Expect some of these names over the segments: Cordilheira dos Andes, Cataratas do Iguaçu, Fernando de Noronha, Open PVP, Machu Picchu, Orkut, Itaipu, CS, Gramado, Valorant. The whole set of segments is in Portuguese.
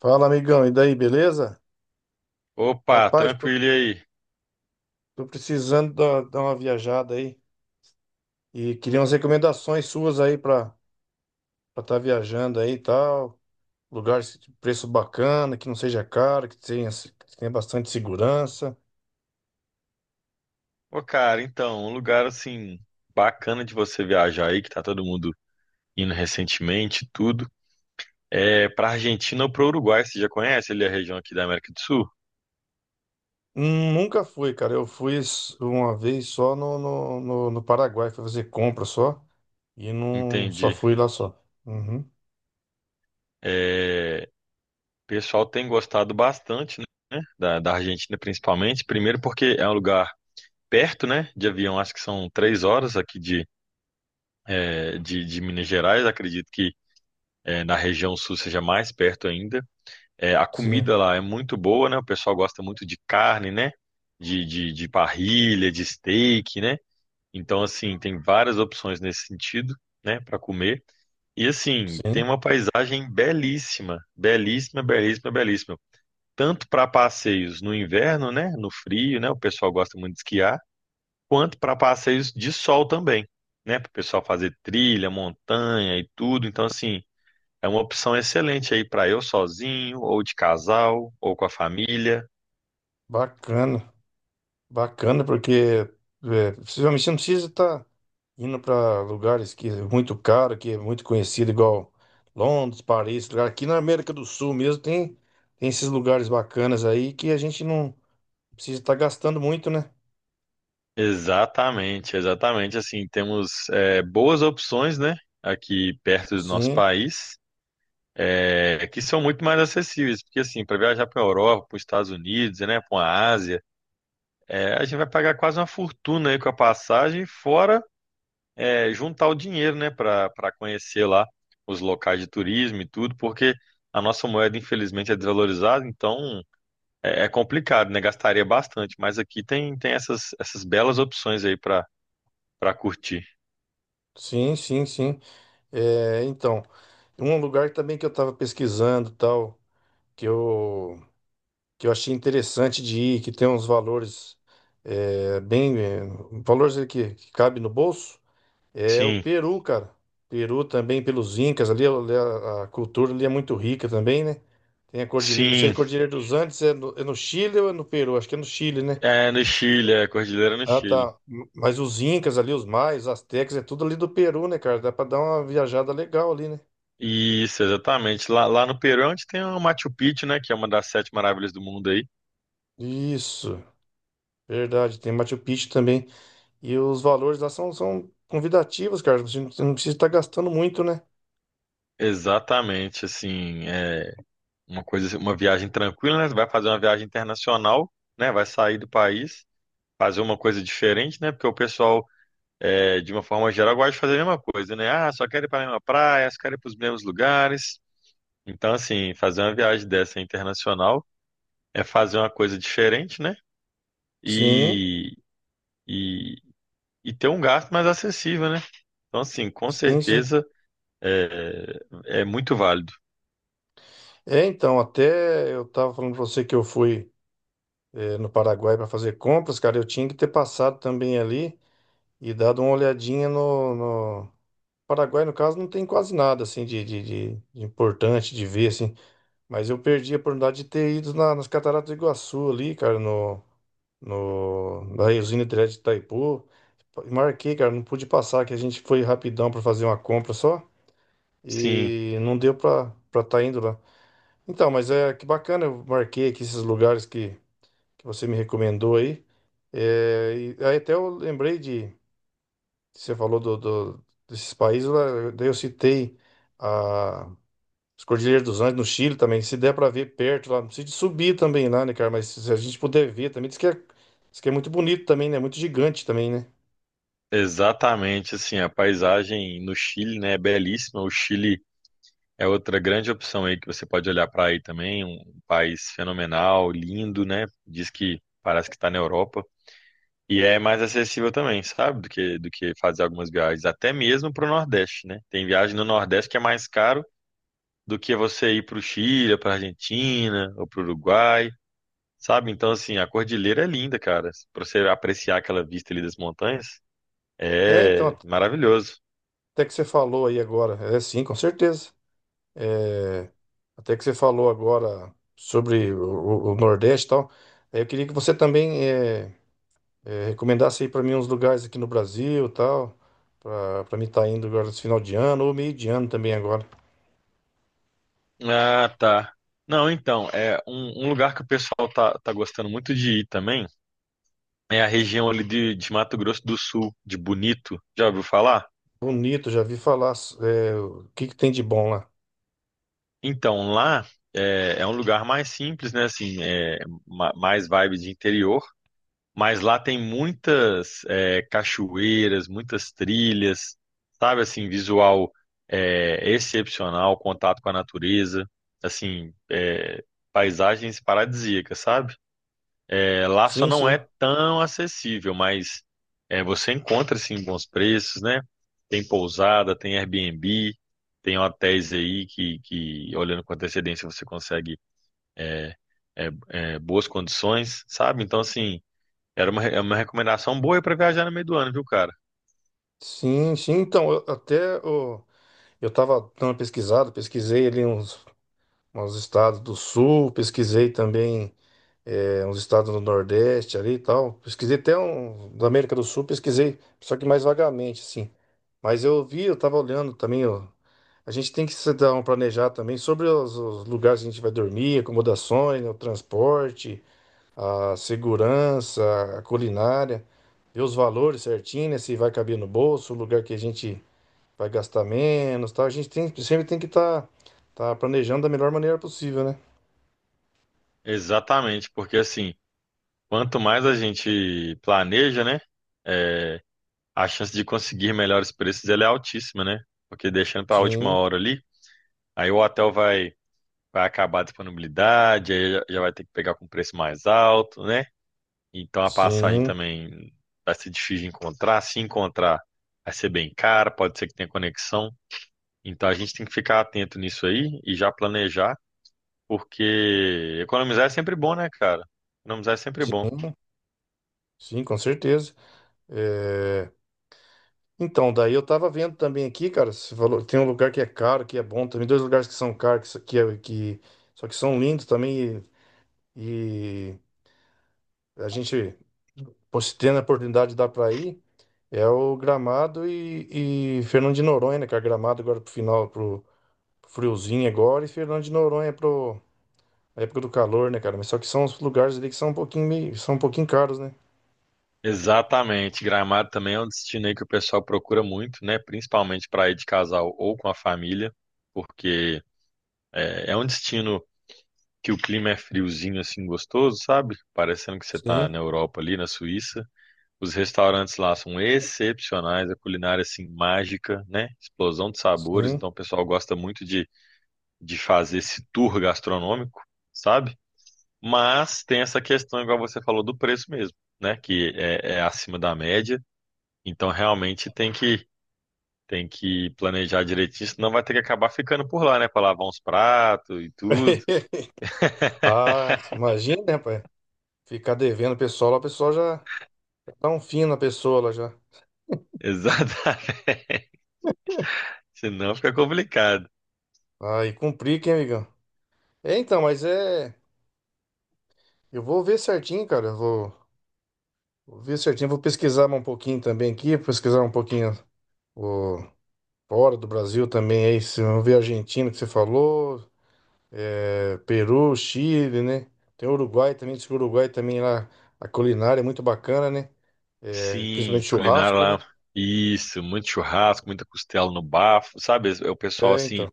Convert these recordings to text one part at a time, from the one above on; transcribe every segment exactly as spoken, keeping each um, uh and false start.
Fala, amigão, e daí, beleza? Opa, Rapaz, tô, tranquilo e aí? tô precisando da- dar uma viajada aí e queria umas recomendações suas aí pra estar viajando aí e tal. Lugar de preço bacana, que não seja caro, que tenha, se- que tenha bastante segurança. Ô, cara, então, um lugar assim bacana de você viajar aí, que tá todo mundo indo recentemente, e tudo. É pra Argentina ou pro Uruguai, você já conhece ali a região aqui da América do Sul? Hum, Nunca fui, cara. Eu fui s- uma vez só no, no, no, no Paraguai, fui fazer compra só e não só Entendi. fui lá só. Uhum, É, o pessoal tem gostado bastante, né? Da, da Argentina principalmente. Primeiro porque é um lugar perto, né? De avião, acho que são três horas aqui de, é, de, de Minas Gerais. Acredito que é, na região sul seja mais perto ainda. É, a sim, comida lá é muito boa, né? O pessoal gosta muito de carne, né? De, de, de parrilha, de steak, né? Então, assim, tem várias opções nesse sentido, né? Para comer. E, assim, tem sim, uma paisagem belíssima, belíssima, belíssima, belíssima. Tanto para passeios no inverno, né? No frio, né? O pessoal gosta muito de esquiar, quanto para passeios de sol também, né? Para o pessoal fazer trilha, montanha e tudo. Então, assim. É uma opção excelente aí para eu sozinho, ou de casal, ou com a família. bacana. Bacana, porque é, possivelmente você não precisa estar indo para lugares que é muito caro, que é muito conhecido, igual Londres, Paris, lugar. Aqui na América do Sul mesmo tem, tem esses lugares bacanas aí que a gente não precisa estar gastando muito, né? Exatamente, exatamente. Assim, temos é, boas opções, né, aqui perto do nosso Sim, país, é, que são muito mais acessíveis, porque assim, para viajar para a Europa, para os Estados Unidos, né, para a Ásia, é, a gente vai pagar quase uma fortuna aí com a passagem, fora é, juntar o dinheiro, né, para para conhecer lá os locais de turismo e tudo, porque a nossa moeda, infelizmente, é desvalorizada, então É, é complicado, né? Gastaria bastante, mas aqui tem, tem essas, essas belas opções aí para para curtir. sim, sim, sim. É, então, um lugar também que eu estava pesquisando, tal, que eu, que eu achei interessante de ir, que tem uns valores é, bem, é, valores aí que, que cabe no bolso. É o Sim, Peru, cara. Peru também, pelos Incas ali, ali a, a cultura ali é muito rica também, né? Tem a Cordilheira, não sei se sim, a Cordilheira dos Andes é no, é no Chile ou é no Peru? Acho que é no Chile, né? é no Chile, é Cordilheira no Ah, Chile. tá. Mas os Incas ali, os Maias, os Astecas, é tudo ali do Peru, né, cara? Dá pra dar uma viajada legal ali, né? Isso, exatamente. Lá, lá no Peru é onde tem o Machu Picchu, né? Que é uma das sete maravilhas do mundo aí. Isso, verdade. Tem Machu Picchu também. E os valores lá são, são convidativos, cara. Você não você não precisa estar gastando muito, né? Exatamente, assim, é uma coisa, uma viagem tranquila, né? Você vai fazer uma viagem internacional, né? Vai sair do país, fazer uma coisa diferente, né? Porque o pessoal, é, de uma forma geral, gosta de fazer a mesma coisa, né? Ah, só quero ir para a mesma praia, só quero ir para os mesmos lugares. Então, assim, fazer uma viagem dessa internacional é fazer uma coisa diferente, né? Sim, E, e, e ter um gasto mais acessível, né? Então, assim, com sim, sim. certeza é, é muito válido. É, então, até eu tava falando pra você que eu fui. Eh, no Paraguai para fazer compras, cara, eu tinha que ter passado também ali e dado uma olhadinha no, no... Paraguai, no caso, não tem quase nada assim de, de, de- de importante de ver, assim. Mas eu perdi a oportunidade de ter ido na- nas Cataratas do Iguaçu ali, cara, no, no, na usina hidrelétrica de Itaipu. Marquei, cara, não pude passar, que a gente foi rapidão para fazer uma compra só Sim, e não deu para para estar indo lá. Então, mas é que bacana, eu marquei aqui esses lugares que que você me recomendou aí. É, e aí até eu lembrei de, você falou do, do- desses países, lá, daí eu citei a, as Cordilheiras dos Andes no Chile também, se der para ver perto lá, não precisa de subir também lá, né, cara, mas se a gente puder ver também, diz que é, diz que é muito bonito também, né, muito gigante também, né. exatamente. Assim, a paisagem no Chile, né, é belíssima. O Chile é outra grande opção aí que você pode olhar para aí também. Um país fenomenal, lindo, né? Diz que parece que está na Europa. E é mais acessível também, sabe? Do que, do que fazer algumas viagens, até mesmo para o Nordeste, né? Tem viagem no Nordeste que é mais caro do que você ir para o Chile, para Argentina ou para o Uruguai, sabe? Então, assim, a cordilheira é linda, cara. Para você apreciar aquela vista ali das montanhas, É, é então, maravilhoso. até que você falou aí agora, é sim, com certeza. É, até que você falou agora sobre o, o- o Nordeste e tal, é, eu queria que você também... é, é, recomendasse aí pra mim uns lugares aqui no Brasil, e tal, pra para mim estar indo agora nesse final de ano ou meio de ano também agora. Ah, tá. Não, então, é um, um lugar que o pessoal tá, tá gostando muito de ir também é a região ali de, de Mato Grosso do Sul, de Bonito. Já ouviu falar? Bonito, já vi falar, é, o que que tem de bom lá? Então, lá é, é um lugar mais simples, né? Assim, é, ma- mais vibe de interior, mas lá tem muitas é, cachoeiras, muitas trilhas, sabe? Assim, visual é, excepcional, contato com a natureza, assim, é, paisagens paradisíacas, sabe? É, lá só Sim, não sim. é tão acessível, mas é, você encontra assim bons preços, né? Tem pousada, tem Airbnb, tem hotéis aí que, que olhando com antecedência você consegue é, é, é, boas condições, sabe? Então, assim, era uma, re- é uma recomendação boa para viajar no meio do ano, viu, cara? Sim, sim. Então, eu, até o- eu estava dando uma pesquisada, pesquisei ali uns, uns estados do sul, pesquisei também é, uns estados do Nordeste ali e tal. Pesquisei até um da América do Sul, pesquisei, só que mais vagamente, assim. Mas eu vi, eu tava olhando também, ó. A gente tem que se dar um planejar também sobre os, os lugares que a gente vai dormir, acomodações, né, o transporte, a segurança, a culinária, ver os valores certinho, né, se vai caber no bolso, o lugar que a gente vai gastar menos, tal. A gente tem, sempre tem que estar tá, tá planejando da melhor maneira possível, né? Exatamente, porque assim, quanto mais a gente planeja, né? é, a chance de conseguir melhores preços ela é altíssima, né? Porque deixando para a última Sim, hora ali, aí o hotel vai vai acabar a disponibilidade, aí já já vai ter que pegar com preço mais alto, né? Então a passagem sim. também vai ser difícil de encontrar. Se encontrar, vai ser bem cara, pode ser que tenha conexão. Então a gente tem que ficar atento nisso aí e já planejar, porque economizar é sempre bom, né, cara? Economizar é sempre bom. Sim. Sim, com certeza. É, então, daí eu tava vendo também aqui, cara, você falou, tem um lugar que é caro, que é bom também, dois lugares que são caros, que, só- que, é- que- só que são lindos também, e, e a gente, pô, se tendo a oportunidade de dar pra ir, é o Gramado e, e Fernando de Noronha, né cara, Gramado agora pro final, pro, pro friozinho agora, e Fernando de Noronha pro a época do calor, né, cara? Mas só que são os lugares ali que são um pouquinho meio, são um pouquinho caros, né? Exatamente. Gramado também é um destino aí que o pessoal procura muito, né? Principalmente para ir de casal ou com a família, porque é, é um destino que o clima é friozinho assim gostoso, sabe? Parecendo que você tá Sim, na Europa ali, na Suíça. Os restaurantes lá são excepcionais, a culinária assim mágica, né? Explosão de sabores, sim. então o pessoal gosta muito de, de fazer esse tour gastronômico, sabe? Mas tem essa questão, igual você falou, do preço mesmo, né? Que é, é acima da média, então realmente tem que tem que planejar direitinho, senão vai ter que acabar ficando por lá, né? Pra lavar uns pratos e tudo. Ah, imagina, né, pai? Ficar devendo o pessoal, lá, o pessoal já dá um fim na pessoa lá já. Exatamente. Senão fica complicado. Aí cumprir, hein, amigão? É, então, mas é. Eu vou ver certinho, cara. eu Vou, vou ver certinho. Vou pesquisar um pouquinho também aqui, pesquisar um pouquinho o, fora do Brasil também. Aí, se eu ver a Argentina que você falou, é, Peru, Chile, né? Tem o Uruguai também. Diz que o Uruguai também lá, a culinária é muito bacana, né? É, Sim, principalmente culinária churrasco, lá. né? Isso, muito churrasco, muita costela no bafo, sabe? É o pessoal É, assim então.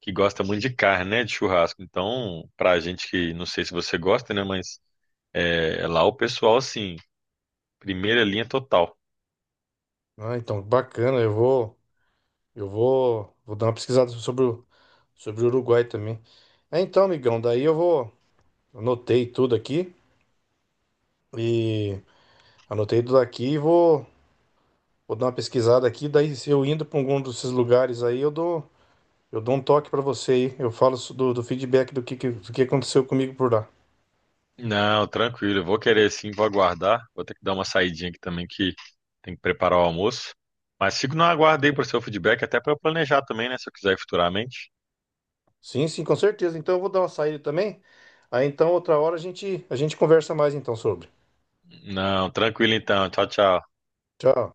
que gosta muito de carne, né? De churrasco. Então, pra gente que não sei se você gosta, né? Mas é, lá o pessoal assim, primeira linha total. Ah, então, bacana. Eu vou, eu vou, vou dar uma pesquisada sobre o sobre o Uruguai também. É, então, amigão, daí eu vou. Anotei tudo aqui e anotei tudo aqui e vou, vou dar uma pesquisada aqui. Daí, se eu indo para algum desses lugares aí, eu dou, eu dou um toque para você aí. Eu falo so- do, do feedback do que, que- do que aconteceu comigo por lá. Não, tranquilo, eu vou querer sim, vou aguardar. Vou ter que dar uma saidinha aqui também que tem que preparar o almoço. Mas fico no aguardo aí pro seu feedback, até pra eu planejar também, né? Se eu quiser ir futuramente. Sim, sim, com certeza. Então, eu vou dar uma saída também. Aí, então, outra hora a gente, a gente conversa mais então sobre. Não, tranquilo então. Tchau, tchau. Tchau.